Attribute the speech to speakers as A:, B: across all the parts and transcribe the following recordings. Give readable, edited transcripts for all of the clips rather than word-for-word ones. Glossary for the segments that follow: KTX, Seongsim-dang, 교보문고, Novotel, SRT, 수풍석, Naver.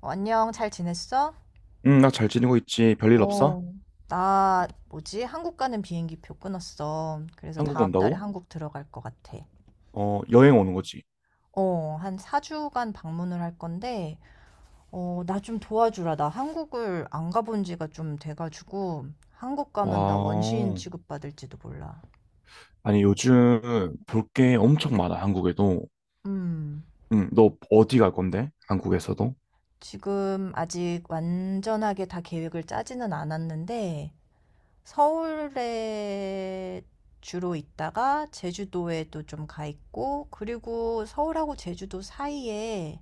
A: 안녕, 잘 지냈어?
B: 응, 나 잘 지내고 있지. 별일 없어?
A: 어, 나, 뭐지? 한국 가는 비행기 표 끊었어. 그래서
B: 한국
A: 다음 달에
B: 온다고?
A: 한국 들어갈 것 같아.
B: 어, 여행 오는 거지.
A: 한 4주간 방문을 할 건데, 나 좀 도와주라. 나 한국을 안 가본 지가 좀 돼가지고, 한국 가면 나 원시인
B: 와.
A: 취급받을지도 몰라.
B: 아니, 요즘 볼 게 엄청 많아, 한국에도.
A: 음,
B: 응, 너 어디 갈 건데? 한국에서도?
A: 지금 아직 완전하게 다 계획을 짜지는 않았는데, 서울에 주로 있다가 제주도에도 좀 가 있고, 그리고 서울하고 제주도 사이에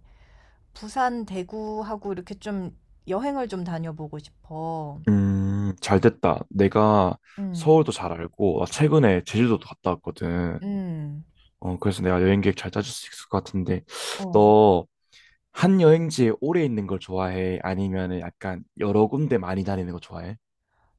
A: 부산, 대구하고 이렇게 좀 여행을 좀 다녀보고 싶어.
B: 잘 됐다. 내가
A: 음,
B: 서울도 잘 알고, 나 최근에 제주도도 갔다 왔거든.
A: 음,
B: 어, 그래서 내가 여행 계획 잘 짜줄 수 있을 것 같은데,
A: 어,
B: 너 한 여행지에 오래 있는 걸 좋아해? 아니면은 약간 여러 군데 많이 다니는 거 좋아해?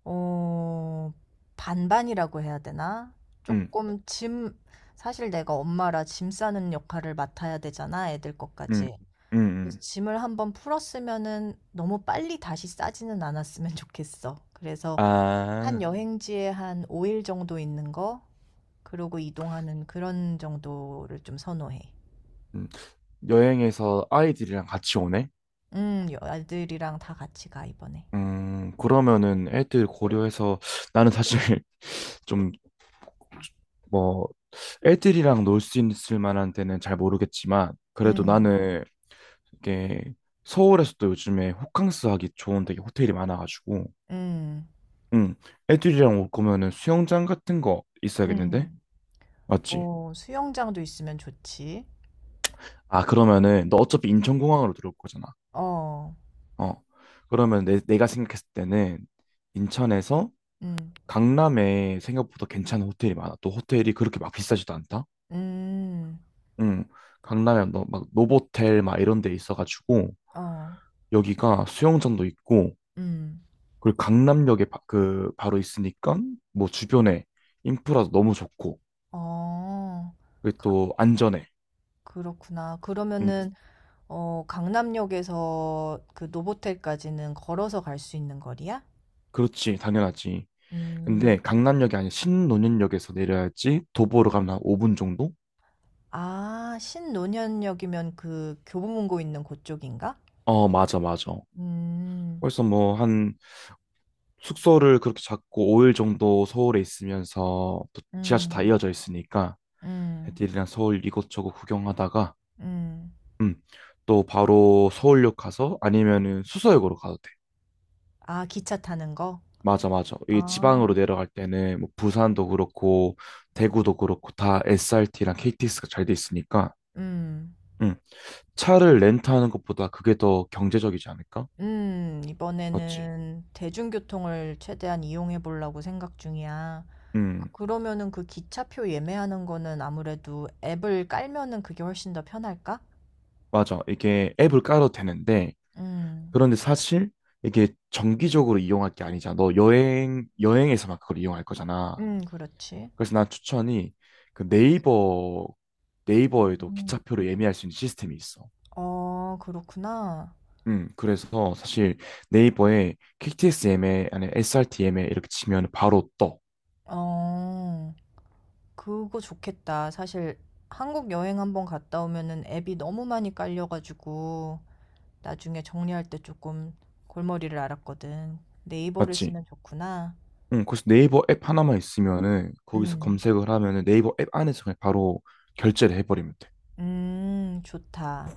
A: 어, 반반이라고 해야 되나?
B: 응,
A: 조금 짐, 사실 내가 엄마라 짐 싸는 역할을 맡아야 되잖아, 애들
B: 응,
A: 것까지.
B: 응,
A: 그래서
B: 응.
A: 짐을 한번 풀었으면은 너무 빨리 다시 싸지는 않았으면 좋겠어. 그래서 한
B: 아.
A: 여행지에 한 5일 정도 있는 거, 그러고 이동하는 그런 정도를 좀 선호해.
B: 음. 여행에서 아이들이랑 같이 오네?
A: 아들이랑 다 같이 가, 이번에.
B: 그러면은 애들 고려해서 나는 사실 좀 뭐 애들이랑 놀 수 있을 만한 데는 잘 모르겠지만 그래도
A: 음,
B: 나는 이게 서울에서도 요즘에 호캉스 하기 좋은 되게 호텔이 많아가지고
A: 음,
B: 음, 애들이랑 올 거면은 수영장 같은 거 있어야겠는데?
A: 음.
B: 맞지?
A: 오, 수영장도 있으면 좋지.
B: 아, 그러면은 너 어차피 인천공항으로 들어올 거잖아.
A: 어,
B: 어. 그러면 내가 생각했을 때는 인천에서
A: 음,
B: 강남에 생각보다 괜찮은 호텔이 많아. 또 호텔이 그렇게 막 비싸지도 않다.
A: 음,
B: 응. 강남에 너, 막 노보텔 막 이런 데 있어가지고
A: 어,
B: 여기가 수영장도 있고,
A: 음,
B: 그리고 강남역에 바, 그 바로 있으니까 뭐 주변에 인프라도 너무 좋고
A: 어.
B: 그리고
A: 가-
B: 또 안전해.
A: 그렇구나.
B: 응.
A: 그러면은, 어, 강남역에서 그 노보텔까지는 걸어서 갈 수 있는 거리야?
B: 그렇지, 당연하지.
A: 음.
B: 근데 강남역이 아니라 신논현역에서 내려야지. 도보로 가면 한 5분 정도?
A: 아 신논현역이면 그 교보문고 있는 그쪽인가?
B: 어, 맞아, 맞아.
A: 음.
B: 벌써 뭐한 숙소를 그렇게 잡고 5일 정도 서울에 있으면서, 또 지하철 다
A: 음.
B: 이어져 있으니까
A: 음.
B: 애들이랑 서울 이곳저곳 구경하다가
A: 음.
B: 음, 또 바로 서울역 가서, 아니면은 수서역으로 가도 돼.
A: 아 기차 타는 거?
B: 맞아, 맞아. 이
A: 아.
B: 지방으로 내려갈 때는 뭐 부산도 그렇고 대구도 그렇고 다 SRT랑 KTX가 잘 돼 있으니까
A: 음.
B: 음, 차를 렌트하는 것보다 그게 더 경제적이지 않을까?
A: 음.
B: 맞지?
A: 이번에는 대중교통을 최대한 이용해 보려고 생각 중이야.
B: 음,
A: 그러면은 그 기차표 예매하는 거는 아무래도 앱을 깔면은 그게 훨씬 더 편할까?
B: 맞아. 이게 앱을 깔아도 되는데
A: 음.
B: 그런데 사실 이게 정기적으로 이용할 게 아니잖아. 너 여행에서만 그걸 이용할 거잖아.
A: 그렇지.
B: 그래서 난 추천이, 그 네이버에도
A: 음.
B: 기차표를 예매할 수 있는 시스템이 있어.
A: 어, 그렇구나.
B: 그래서 사실 네이버에 KTS 예매, 아니 SRT 예매 이렇게 치면 바로 떠.
A: 어. 그거 좋겠다. 사실 한국 여행 한번 갔다 오면은 앱이 너무 많이 깔려가지고 나중에 정리할 때 조금 골머리를 앓았거든. 네이버를
B: 맞지?
A: 쓰면 좋구나.
B: 응, 그래서 네이버 앱 하나만 있으면은 거기서
A: 음,
B: 검색을 하면은 네이버 앱 안에서 그냥 바로 결제를 해버리면 돼.
A: 좋다.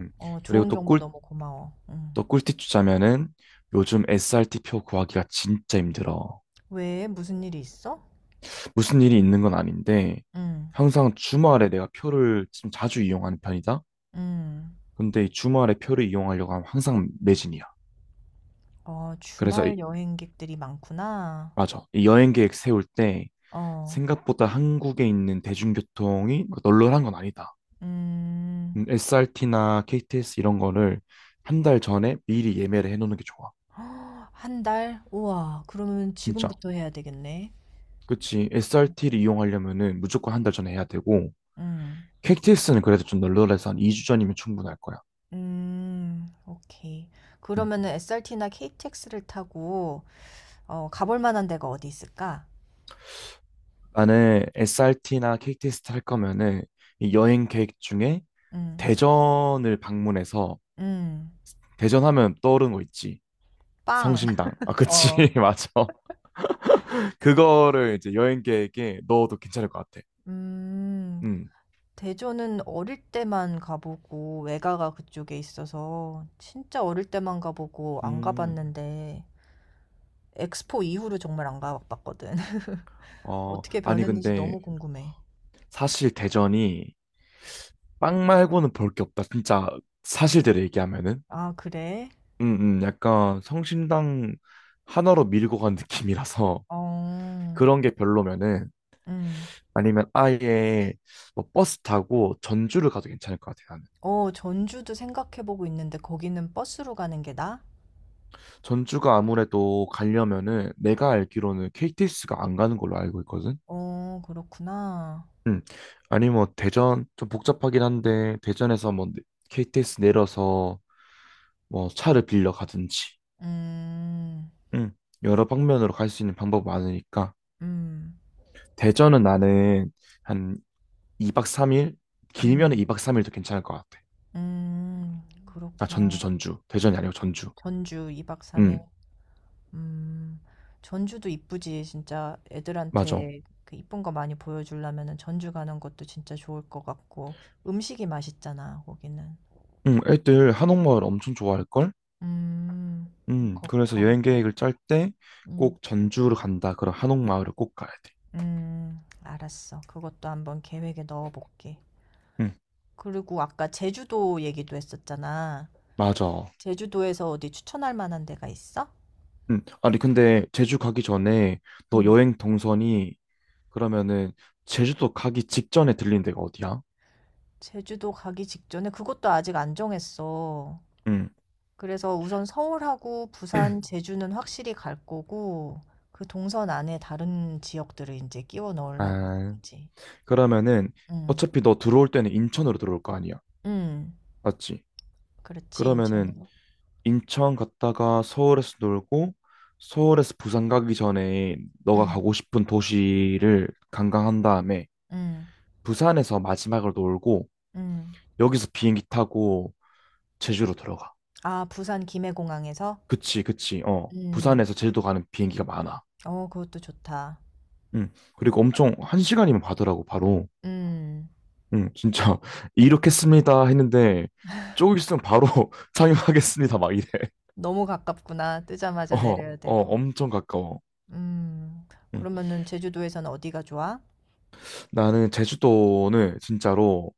B: 음.
A: 어,
B: 그리고
A: 좋은 정보 너무 고마워. 음.
B: 또 꿀팁 주자면은, 요즘 SRT 표 구하기가 진짜 힘들어.
A: 왜? 무슨 일이 있어?
B: 무슨 일이 있는 건 아닌데,
A: 음,
B: 항상 주말에 내가 표를 좀 자주 이용하는 편이다.
A: 음.
B: 근데 이 주말에 표를 이용하려고 하면 항상 매진이야.
A: 어,
B: 그래서
A: 주말
B: 이-
A: 여행객들이 많구나.
B: 맞아. 이 여행 계획 세울 때,
A: 어,
B: 생각보다 한국에 있는 대중교통이 막 널널한 건 아니다.
A: 음.
B: SRT나 KTX 이런 거를 한 달 전에 미리 예매를 해놓는 게 좋아.
A: 헉, 한 달? 우와, 그러면
B: 진짜.
A: 지금부터 해야 되겠네.
B: 그치. SRT를 이용하려면은 무조건 한 달 전에 해야 되고,
A: 음.
B: k t 스는 그래도 좀 널널해서 한 2주 전이면 충분할 거야.
A: 음. 오케이.
B: 응.
A: 그러면은 SRT나 KTX를 타고 어 가볼 만한 데가 어디 있을까?
B: 나는 SRT나 k t 를탈 거면은, 이 여행 계획 중에
A: 음.
B: 대전을 방문해서,
A: 음.
B: 대전 하면 떠오르는 거 있지.
A: 빵.
B: 성심당. 아, 그치.
A: 어.
B: 맞아. 그거를 이제 여행 계획에 넣어도 괜찮을 것 같아.
A: 음.
B: 음.
A: 대전은 어릴 때만 가 보고 외가가 그쪽에 있어서 진짜 어릴 때만 가 보고 안 가
B: 음,
A: 봤는데 엑스포 이후로 정말 안 가 봤거든.
B: 어,
A: 어떻게
B: 아니,
A: 변했는지
B: 근데
A: 너무 궁금해.
B: 사실 대전이 빵 말고는 볼 게 없다. 진짜 사실대로 얘기하면은.
A: 아 그래?
B: 약간 성심당 하나로 밀고 간 느낌이라서.
A: 어.
B: 그런 게 별로면은
A: 음.
B: 아니면 아예 뭐 버스 타고 전주를 가도 괜찮을 것 같아요, 나는.
A: 어 전주도 생각해 보고 있는데 거기는 버스로 가는 게 나아?
B: 전주가 아무래도 가려면은 내가 알기로는 KTX가 안 가는 걸로 알고 있거든.
A: 어 그렇구나.
B: 음. 아니, 뭐 대전 좀 복잡하긴 한데 대전에서 뭐 KTX 내려서 뭐 차를 빌려 가든지.
A: 음.
B: 음. 여러 방면으로 갈 수 있는 방법 많으니까.
A: 음.
B: 대전은 나는 한 2박 3일, 길면은
A: 음.
B: 2박 3일도 괜찮을 것 같아.
A: 음.
B: 아, 전주
A: 그렇구나.
B: 전주, 대전이 아니고 전주.
A: 전주 2박 3일.
B: 음.
A: 음. 전주도 이쁘지. 진짜
B: 맞아.
A: 애들한테 그 이쁜 거 많이 보여주려면은 전주 가는 것도 진짜 좋을 것 같고 음식이 맛있잖아, 거기는.
B: 애들 한옥마을 엄청 좋아할걸?
A: 음. 그럼 거
B: 그래서
A: 거기
B: 여행
A: 또
B: 계획을 짤 때
A: 음.
B: 꼭 전주를 간다 그럼 한옥마을을 꼭 가야 돼.
A: 음. 알았어. 그것도 한번 계획에 넣어 볼게.
B: 음,
A: 그리고 아까 제주도 얘기도 했었잖아.
B: 맞아.
A: 제주도에서 어디 추천할 만한 데가 있어?
B: 아니, 근데 제주 가기 전에 너
A: 응.
B: 여행 동선이, 그러면은 제주도 가기 직전에 들린 데가 어디야?
A: 제주도 가기 직전에 그것도 아직 안 정했어.
B: 음,
A: 그래서 우선 서울하고 부산, 제주는 확실히 갈 거고, 그 동선 안에 다른 지역들을 이제 끼워 넣으려고 하는
B: 아,
A: 거지.
B: 그러면은
A: 응,
B: 어차피 너 들어올 때는 인천으로 들어올 거 아니야.
A: 응.
B: 맞지?
A: 그렇지,
B: 그러면은
A: 인천으로.
B: 인천 갔다가 서울에서 놀고, 서울에서 부산 가기 전에 너가
A: 응,
B: 가고 싶은 도시를 관광한 다음에
A: 응,
B: 부산에서 마지막으로 놀고
A: 응.
B: 여기서 비행기 타고 제주로 들어가.
A: 아, 부산 김해공항에서?
B: 그치, 그치. 어.
A: 응.
B: 부산에서 제주도 가는 비행기가 많아.
A: 어, 그것도 좋다.
B: 응. 그리고 엄청 한 시간이면 가더라고, 바로.
A: 응.
B: 응, 진짜 이렇게 씁니다 했는데 조금 있으면 바로 상륙하겠습니다 막 이래.
A: 너무 가깝구나.
B: 어,
A: 뜨자마자 내려야
B: 어,
A: 되고.
B: 엄청 가까워.
A: 음.
B: 응.
A: 그러면은 제주도에서는 어디가 좋아?
B: 나는 제주도는 진짜로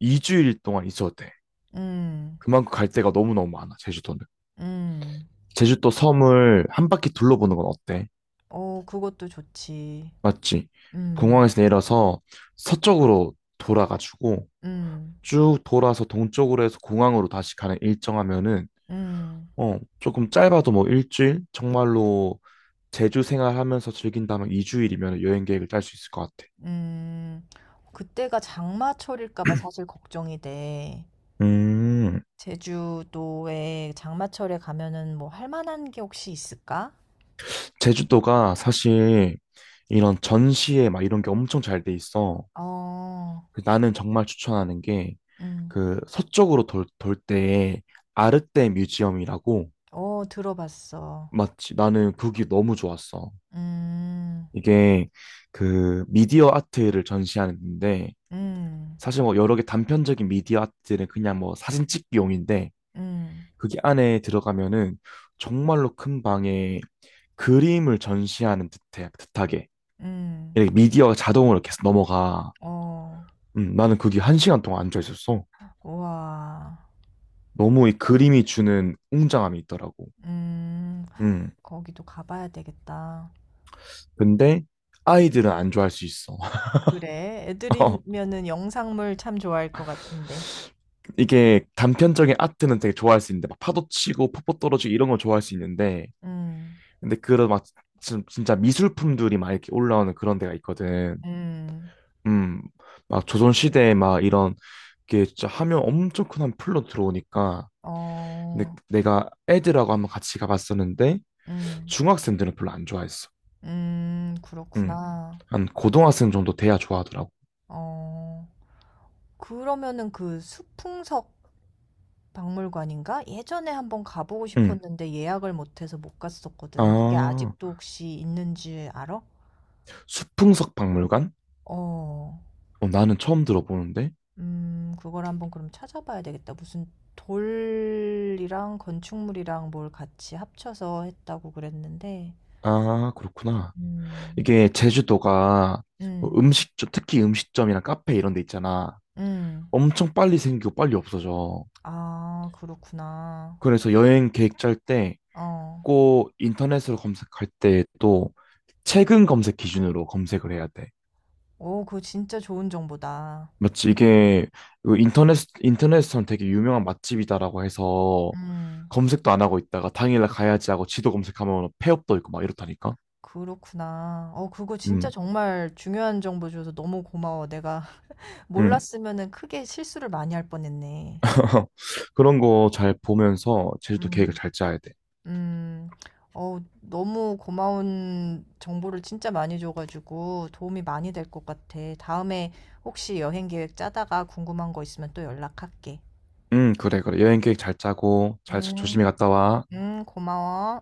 B: 2주일 동안 있었대.
A: 음.
B: 그만큼 갈 데가 너무너무 많아, 제주도는.
A: 음.
B: 제주도 섬을 한 바퀴 둘러보는 건 어때?
A: 어, 그것도 좋지.
B: 맞지?
A: 음.
B: 공항에서 내려서 서쪽으로 돌아가지고
A: 음.
B: 쭉 돌아서 동쪽으로 해서 공항으로 다시 가는 일정하면은,
A: 음.
B: 어, 조금 짧아도 뭐 일주일? 정말로 제주 생활하면서 즐긴다면 2주일이면 여행 계획을 짤 수 있을 것 같아.
A: 음. 그때가 장마철일까 봐 사실 걱정이 돼.
B: 음,
A: 제주도에 장마철에 가면은 뭐 할 만한 게 혹시 있을까?
B: 제주도가 사실 이런 전시회 막 이런 게 엄청 잘 돼 있어.
A: 어.
B: 나는 정말 추천하는 게
A: 음.
B: 그 서쪽으로 돌 때에 아르떼 뮤지엄이라고.
A: 어, 들어봤어.
B: 맞지? 나는 그게 너무 좋았어.
A: 음.
B: 이게 그 미디어 아트를 전시하는데,
A: 음.
B: 사실 뭐 여러 개 단편적인 미디어 아트는 그냥 뭐 사진 찍기용인데,
A: 음.
B: 그게 안에 들어가면은 정말로 큰 방에 그림을 전시하는 듯하게
A: 음.
B: 이렇게 미디어가 자동으로 계속 넘어가.
A: 어.
B: 나는 그게 한 시간 동안 앉아 있었어.
A: 우와.
B: 너무 이 그림이 주는 웅장함이 있더라고.
A: 음.
B: 음.
A: 거기도 가 봐야 되겠다.
B: 근데 아이들은 안 좋아할 수 있어.
A: 그래.
B: 어,
A: 애들이면은 영상물 참 좋아할 것 같은데.
B: 이게 단편적인 아트는 되게 좋아할 수 있는데, 막 파도 치고 폭포 떨어지고 이런 걸 좋아할 수 있는데,
A: 음.
B: 근데 그런 막 진짜 미술품들이 막 이렇게 올라오는 그런 데가 있거든.
A: 음.
B: 음. 막 조선 시대에 막 이런 게 진짜 하면 엄청 큰 한 풀로 들어오니까. 근데
A: 어.
B: 내가 애들하고 한번 같이 가봤었는데
A: 음.
B: 중학생들은 별로 안 좋아했어.
A: 음.
B: 음.
A: 그렇구나.
B: 한 고등학생 정도 돼야 좋아하더라고.
A: 어. 그러면은 그 수풍석 박물관인가? 예전에 한번 가보고
B: 음.
A: 싶었는데 예약을 못 해서 못 갔었거든. 그게
B: 아,
A: 아직도 혹시 있는지 알아?
B: 수풍석 박물관?
A: 어.
B: 어, 나는 처음 들어보는데.
A: 그걸 한번 그럼 찾아봐야 되겠다. 무슨 돌이랑 건축물이랑 뭘 같이 합쳐서 했다고 그랬는데,
B: 아, 그렇구나.
A: 음,
B: 이게 제주도가 뭐
A: 음,
B: 음식점, 특히 음식점이나 카페 이런 데 있잖아.
A: 음.
B: 엄청 빨리 생기고 빨리 없어져.
A: 아, 그렇구나.
B: 그래서 여행 계획 짤 때
A: 어,
B: 꼭 인터넷으로 검색할 때 또 최근 검색 기준으로 검색을 해야 돼.
A: 오, 그거 진짜 좋은 정보다.
B: 맞지? 이게 이거 인터넷에서는 되게 유명한 맛집이다라고 해서
A: 음,
B: 검색도 안 하고 있다가 당일날 가야지 하고 지도 검색하면 폐업도 있고 막 이렇다니까.
A: 그렇구나. 어, 그거 진짜
B: 음,
A: 정말 중요한 정보 줘서 너무 고마워. 내가
B: 음.
A: 몰랐으면은 크게 실수를 많이 할 뻔했네.
B: 그런 거 잘 보면서 제주도 계획을
A: 음.
B: 잘 짜야 돼.
A: 음. 어 너무 고마운 정보를 진짜 많이 줘 가지고 도움이 많이 될 것 같아. 다음에 혹시 여행 계획 짜다가 궁금한 거 있으면 또 연락할게.
B: 응, 그래, 그래. 여행 계획 잘 짜고, 잘
A: 음.
B: 조심히 갔다 와.
A: 음. 고마워.